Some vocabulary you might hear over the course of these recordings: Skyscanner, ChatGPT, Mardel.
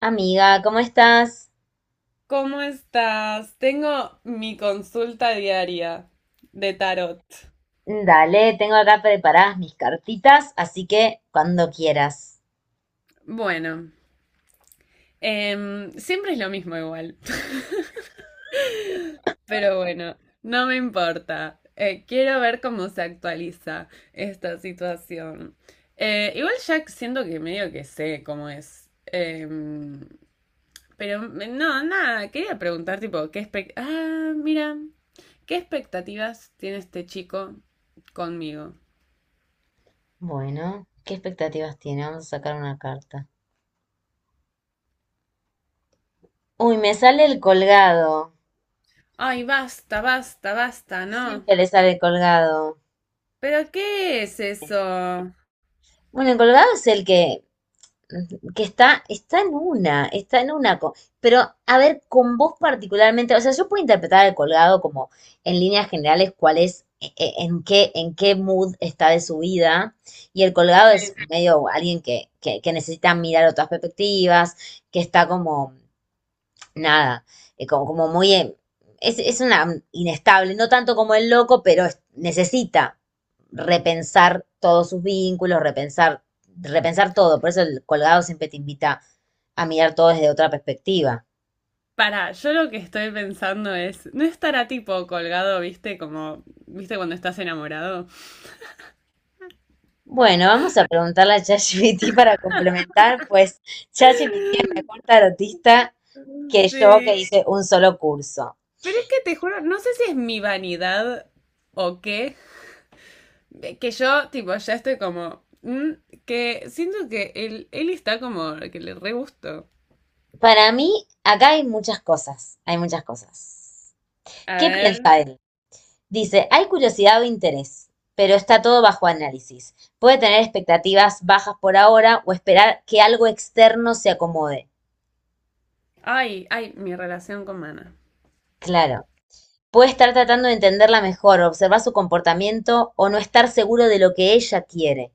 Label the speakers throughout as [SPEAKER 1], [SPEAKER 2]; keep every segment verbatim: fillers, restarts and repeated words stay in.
[SPEAKER 1] Amiga, ¿cómo estás?
[SPEAKER 2] ¿Cómo estás? Tengo mi consulta diaria de tarot.
[SPEAKER 1] Dale, tengo acá preparadas mis cartitas, así que cuando quieras.
[SPEAKER 2] Bueno, Em, siempre es lo mismo igual. Pero bueno, no me importa. Eh, quiero ver cómo se actualiza esta situación. Eh, igual ya siento que medio que sé cómo es. Em, pero me- no, nada, quería preguntar tipo, ¿qué expec- ah, mira, ¿qué expectativas tiene este chico conmigo?
[SPEAKER 1] Bueno, ¿qué expectativas tiene? Vamos a sacar una carta. Uy, me sale el colgado.
[SPEAKER 2] Ay, basta, basta, basta, ¿no?
[SPEAKER 1] Siempre le sale el colgado.
[SPEAKER 2] ¿Pero qué es eso?
[SPEAKER 1] Bueno, el colgado es el que que está, está en una, está en una, co- pero a ver, con vos particularmente, o sea, yo puedo interpretar el colgado como en líneas generales cuál es, e- e- en qué, en qué mood está de su vida, y el colgado
[SPEAKER 2] Sí.
[SPEAKER 1] es medio alguien que, que, que necesita mirar otras perspectivas, que está como nada, eh, como, como muy, eh, es, es una inestable, no tanto como el loco, pero es- necesita repensar todos sus vínculos, repensar, repensar todo. Por eso el colgado siempre te invita a mirar todo desde otra perspectiva.
[SPEAKER 2] Para, yo lo que estoy pensando es, ¿no estará tipo colgado, viste, como, viste cuando estás enamorado?
[SPEAKER 1] Bueno, vamos a preguntarle a ChatGPT para complementar, pues ChatGPT es mejor tarotista que yo, que
[SPEAKER 2] Sí.
[SPEAKER 1] hice un solo curso.
[SPEAKER 2] Pero es que te juro, no sé si es mi vanidad o qué, que yo tipo ya estoy como, mm, que siento que él, él está como, que le re gusto.
[SPEAKER 1] Para mí, acá hay muchas cosas, hay muchas cosas.
[SPEAKER 2] A
[SPEAKER 1] ¿Qué
[SPEAKER 2] ver.
[SPEAKER 1] piensa él? Dice, hay curiosidad o interés, pero está todo bajo análisis. Puede tener expectativas bajas por ahora o esperar que algo externo se acomode.
[SPEAKER 2] Ay, ay, mi relación con Mana.
[SPEAKER 1] Claro. Puede estar tratando de entenderla mejor, observar su comportamiento o no estar seguro de lo que ella quiere.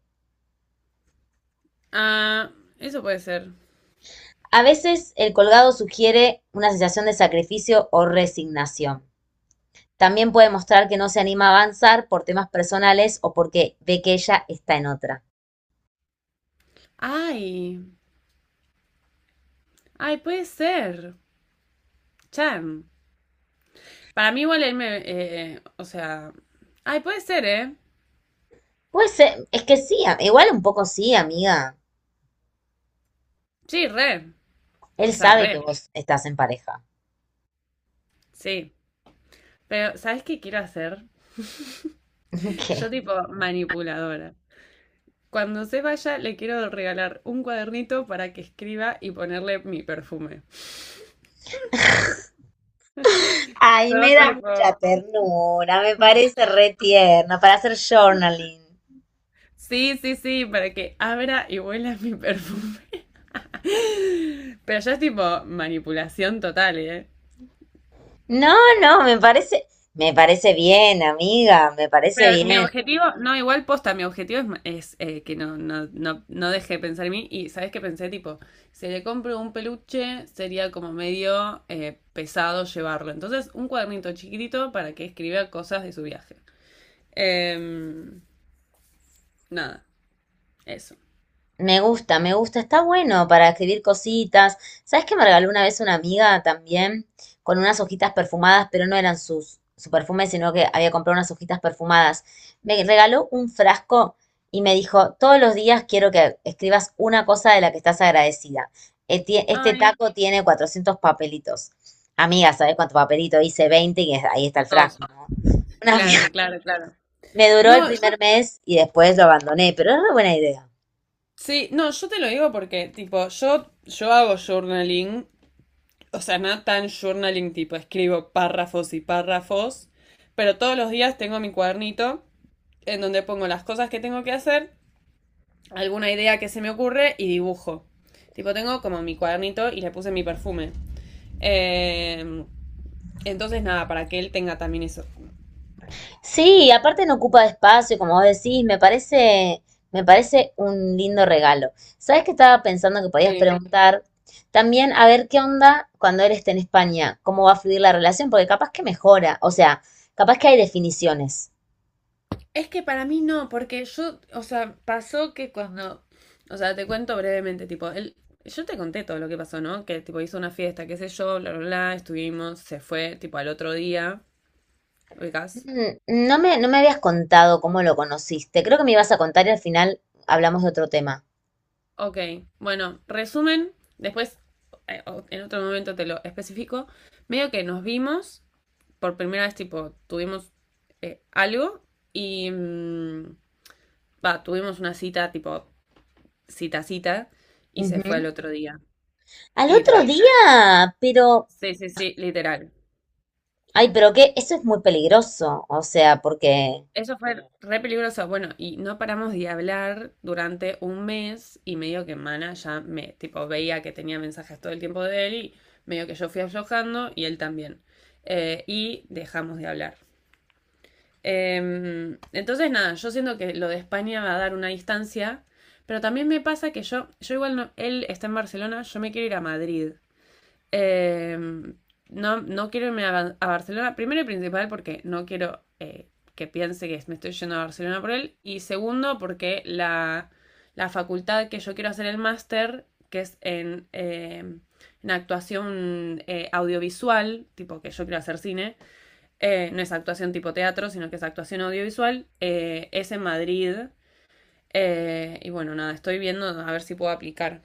[SPEAKER 2] Ah, eso puede ser.
[SPEAKER 1] A veces el colgado sugiere una sensación de sacrificio o resignación. También puede mostrar que no se anima a avanzar por temas personales o porque ve que ella está en otra.
[SPEAKER 2] Ay, ay, puede ser. Chan. Para mí igual él me... eh, eh, o sea, ay, puede ser, ¿eh?
[SPEAKER 1] Puede ser, es que sí, igual un poco sí, amiga.
[SPEAKER 2] Sí, re.
[SPEAKER 1] Él
[SPEAKER 2] O sea,
[SPEAKER 1] sabe
[SPEAKER 2] re.
[SPEAKER 1] que vos estás en pareja.
[SPEAKER 2] Sí. Pero, ¿sabes qué quiero hacer?
[SPEAKER 1] ¿Qué?
[SPEAKER 2] Yo tipo manipuladora. Cuando se vaya, le quiero regalar un cuadernito para que escriba y ponerle mi perfume.
[SPEAKER 1] Ay, me
[SPEAKER 2] Yo
[SPEAKER 1] da
[SPEAKER 2] tipo.
[SPEAKER 1] mucha ternura, me parece re tierno para hacer journaling.
[SPEAKER 2] Sí, sí, sí, para que abra y huela mi perfume. Pero ya es tipo manipulación total, ¿eh?
[SPEAKER 1] No, no, me parece, me parece bien, amiga, me parece
[SPEAKER 2] Pero mi
[SPEAKER 1] bien.
[SPEAKER 2] objetivo, no, igual posta, mi objetivo es, ma- es, eh, que no, no, no, no deje de pensar en mí. Y sabes que pensé, tipo, si le compro un peluche, sería como medio eh, pesado llevarlo. Entonces, un cuadernito chiquitito para que escriba cosas de su viaje. Em, Nada, eso.
[SPEAKER 1] Me gusta, me gusta, está bueno para escribir cositas. ¿Sabes que me regaló una vez una amiga también con unas hojitas perfumadas, pero no eran sus su perfume, sino que había comprado unas hojitas perfumadas? Me regaló un frasco y me dijo, todos los días quiero que escribas una cosa de la que estás agradecida. Este, este
[SPEAKER 2] Ay,
[SPEAKER 1] taco tiene cuatrocientos papelitos. Amiga, ¿sabes cuánto papelito? Hice veinte y es- ahí está el
[SPEAKER 2] dos.
[SPEAKER 1] frasco, ¿no? Una- fia-
[SPEAKER 2] Claro, claro, claro.
[SPEAKER 1] me duró el
[SPEAKER 2] No, yo,
[SPEAKER 1] primer mes y después lo abandoné, pero es una buena idea.
[SPEAKER 2] sí, no, yo te lo digo porque, tipo, yo, yo hago journaling, o sea, nada tan journaling tipo, escribo párrafos y párrafos, pero todos los días tengo mi cuadernito en donde pongo las cosas que tengo que hacer, alguna idea que se me ocurre y dibujo. Tipo, tengo como mi cuadernito y le puse mi perfume. Eh, entonces, nada, para que él tenga también eso.
[SPEAKER 1] Sí, aparte no ocupa espacio, como vos decís, me parece, me parece un lindo regalo. ¿Sabes qué estaba pensando que podías
[SPEAKER 2] Sí.
[SPEAKER 1] preguntar? También, a ver qué onda cuando él esté en España, cómo va a fluir la relación, porque capaz que mejora, o sea, capaz que hay definiciones.
[SPEAKER 2] Es que para mí no, porque yo, o sea, pasó que cuando, o sea, te cuento brevemente, tipo, él, yo te conté todo lo que pasó, ¿no? Que tipo hizo una fiesta, qué sé yo, bla, bla, bla, estuvimos, se fue, tipo, al otro día, ubicás.
[SPEAKER 1] Mm. No me, no me habías contado cómo lo conociste, creo que me ibas a contar y al final hablamos de otro tema.
[SPEAKER 2] Ok, bueno, resumen, después, eh, o- en otro momento te lo especifico, medio que nos vimos, por primera vez, tipo, tuvimos eh, algo y, mm, va, tuvimos una cita, tipo, cita, cita, y se
[SPEAKER 1] Ujú.
[SPEAKER 2] fue al otro día,
[SPEAKER 1] Al otro
[SPEAKER 2] literal.
[SPEAKER 1] día, pero
[SPEAKER 2] Sí, sí, sí, literal.
[SPEAKER 1] ay, pero qué, eso es muy peligroso, o sea, porque...
[SPEAKER 2] Eso fue re peligroso. Bueno, y no paramos de hablar durante un mes y medio, que Mana ya me, tipo, veía que tenía mensajes todo el tiempo de él y medio que yo fui aflojando y él también. Eh, y dejamos de hablar. Em, entonces, nada, yo siento que lo de España va a dar una distancia, pero también me pasa que yo, yo igual no, él está en Barcelona, yo me quiero ir a Madrid. Eh, no, no quiero irme a, a, Barcelona, primero y principal porque no quiero eh, que piense que me estoy yendo a Barcelona por él, y segundo porque la, la facultad que yo quiero hacer el máster, que es en, eh, en actuación eh, audiovisual, tipo que yo quiero hacer cine, eh, no es actuación tipo teatro, sino que es actuación audiovisual, eh, es en Madrid, eh, y bueno, nada, estoy viendo a ver si puedo aplicar.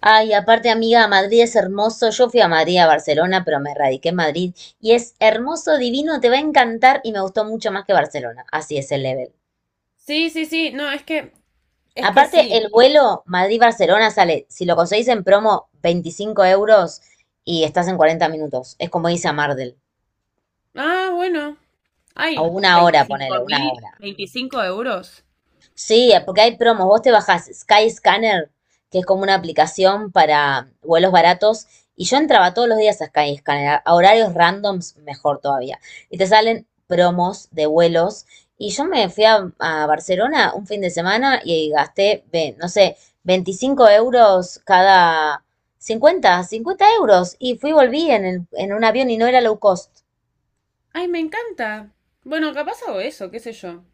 [SPEAKER 1] Ay, aparte, amiga, Madrid es hermoso. Yo fui a Madrid, a Barcelona, pero me radiqué en Madrid. Y es hermoso, divino, te va a encantar y me gustó mucho más que Barcelona. Así es el level.
[SPEAKER 2] Sí, sí, sí, no, es que, es que
[SPEAKER 1] Aparte,
[SPEAKER 2] sí.
[SPEAKER 1] el vuelo Madrid-Barcelona sale, si lo conseguís en promo, veinticinco euros, y estás en cuarenta minutos. Es como irse a Mardel.
[SPEAKER 2] Ah, bueno.
[SPEAKER 1] O
[SPEAKER 2] Ay,
[SPEAKER 1] una hora,
[SPEAKER 2] veinticinco
[SPEAKER 1] ponele, una
[SPEAKER 2] mil,
[SPEAKER 1] hora.
[SPEAKER 2] veinticinco euros.
[SPEAKER 1] Sí, porque hay promos. Vos te bajás Skyscanner, que es como una aplicación para vuelos baratos, y yo entraba todos los días a Skyscanner, a a horarios randoms, mejor todavía. Y te salen promos de vuelos. Y yo me fui a, a Barcelona un fin de semana y gasté, ve, no sé, veinticinco euros cada cincuenta, cincuenta euros. Y fui y volví en, el- en un avión y no era low cost.
[SPEAKER 2] Ay, me encanta. Bueno, capaz hago eso, qué sé yo.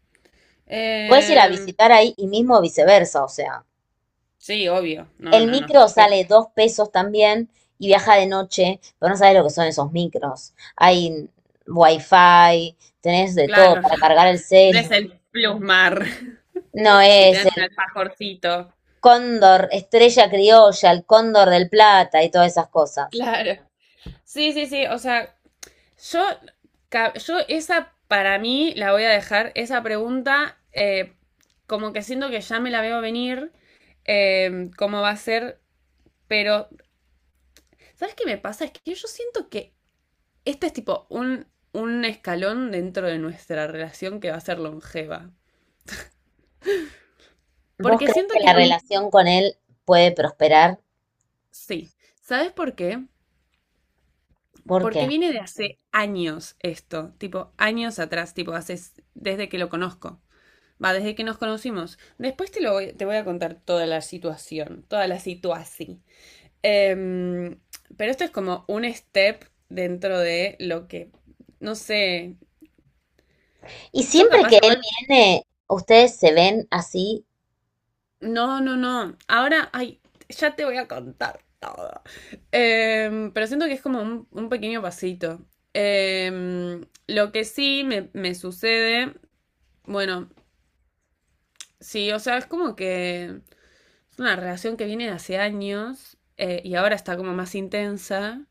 [SPEAKER 1] Puedes ir a
[SPEAKER 2] Em,
[SPEAKER 1] visitar ahí y mismo viceversa, o sea.
[SPEAKER 2] sí, obvio. No,
[SPEAKER 1] El
[SPEAKER 2] no, no.
[SPEAKER 1] micro
[SPEAKER 2] ¿Qué?
[SPEAKER 1] sale dos pesos también, y viaja de noche, pero no sabes lo que son esos micros. Hay wifi, tenés de todo
[SPEAKER 2] Claro,
[SPEAKER 1] para cargar el
[SPEAKER 2] no
[SPEAKER 1] celu.
[SPEAKER 2] es el plusmar
[SPEAKER 1] No
[SPEAKER 2] que te
[SPEAKER 1] es
[SPEAKER 2] dan un
[SPEAKER 1] el
[SPEAKER 2] alfajorcito.
[SPEAKER 1] cóndor, estrella criolla, el cóndor del plata y todas esas cosas.
[SPEAKER 2] Claro. Sí, sí, sí. O sea, yo, ca- yo esa para mí la voy a dejar, esa pregunta, eh, como que siento que ya me la veo venir, em, cómo va a ser, pero ¿sabes qué me pasa? Es que yo siento que este es tipo un, un escalón dentro de nuestra relación que va a ser longeva.
[SPEAKER 1] ¿Vos
[SPEAKER 2] Porque
[SPEAKER 1] crees
[SPEAKER 2] siento
[SPEAKER 1] que
[SPEAKER 2] que
[SPEAKER 1] la
[SPEAKER 2] es... mu-
[SPEAKER 1] relación con él puede prosperar?
[SPEAKER 2] Sí. ¿Sabes por qué?
[SPEAKER 1] ¿Por qué?
[SPEAKER 2] Porque viene de hace años esto, tipo años atrás, tipo hace s- desde que lo conozco. Va, desde que nos conocimos. Después te lo voy, te voy a contar toda la situación, toda la situación. Em, pero esto es como un step dentro de lo que, no sé,
[SPEAKER 1] Y
[SPEAKER 2] yo
[SPEAKER 1] siempre
[SPEAKER 2] capaz
[SPEAKER 1] que él
[SPEAKER 2] igual.
[SPEAKER 1] viene, ustedes se ven así.
[SPEAKER 2] No, no, no. Ahora, ay, ya te voy a contar todo. Em, pero siento que es como un, un pequeño pasito. Em, lo que sí me, me sucede, bueno, sí, o sea, es como que es una relación que viene de hace años, eh, y ahora está como más intensa,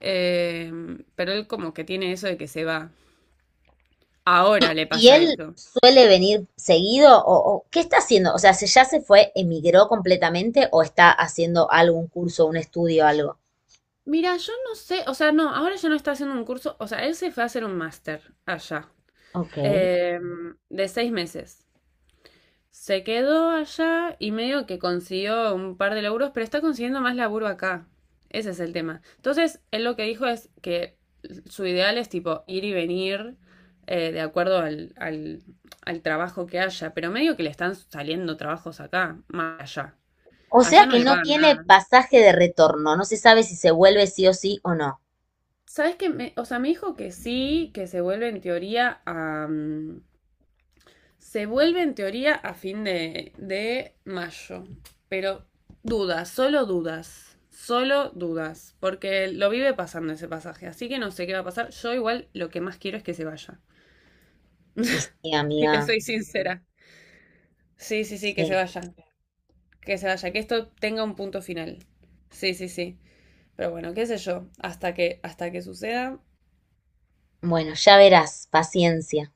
[SPEAKER 2] em, pero él como que tiene eso de que se va. Ahora le
[SPEAKER 1] ¿Y
[SPEAKER 2] pasa
[SPEAKER 1] él
[SPEAKER 2] eso.
[SPEAKER 1] suele venir seguido o, o qué está haciendo? O sea, ¿se ya se fue, emigró completamente o está haciendo algún curso, un estudio, algo?
[SPEAKER 2] Mira, yo no sé, o sea, no, ahora ya no está haciendo un curso, o sea, él se fue a hacer un máster allá.
[SPEAKER 1] Ok.
[SPEAKER 2] Eh, de seis meses. Se quedó allá y medio que consiguió un par de laburos, pero está consiguiendo más laburo acá. Ese es el tema. Entonces, él lo que dijo es que su ideal es tipo ir y venir, eh, de acuerdo al, al, al trabajo que haya, pero medio que le están saliendo trabajos acá, más allá.
[SPEAKER 1] O sea
[SPEAKER 2] Allá no
[SPEAKER 1] que
[SPEAKER 2] le
[SPEAKER 1] no
[SPEAKER 2] pagan
[SPEAKER 1] tiene
[SPEAKER 2] nada.
[SPEAKER 1] pasaje de retorno, no se sabe si se vuelve sí o sí o no.
[SPEAKER 2] ¿Sabes qué? Me- o sea, me dijo que sí, que se vuelve en teoría a, mm, se vuelve en teoría a fin de, de mayo, pero dudas, solo dudas, solo dudas, porque lo vive pasando ese pasaje, así que no sé qué va a pasar. Yo igual lo que más quiero es que se vaya,
[SPEAKER 1] Y sí,
[SPEAKER 2] si te
[SPEAKER 1] amiga,
[SPEAKER 2] soy sincera. Sí, sí, sí, que se
[SPEAKER 1] sí.
[SPEAKER 2] vaya, que se vaya, que esto tenga un punto final. Sí, sí, sí. Pero bueno, qué sé yo, hasta que, hasta que suceda,
[SPEAKER 1] Bueno, ya verás, paciencia.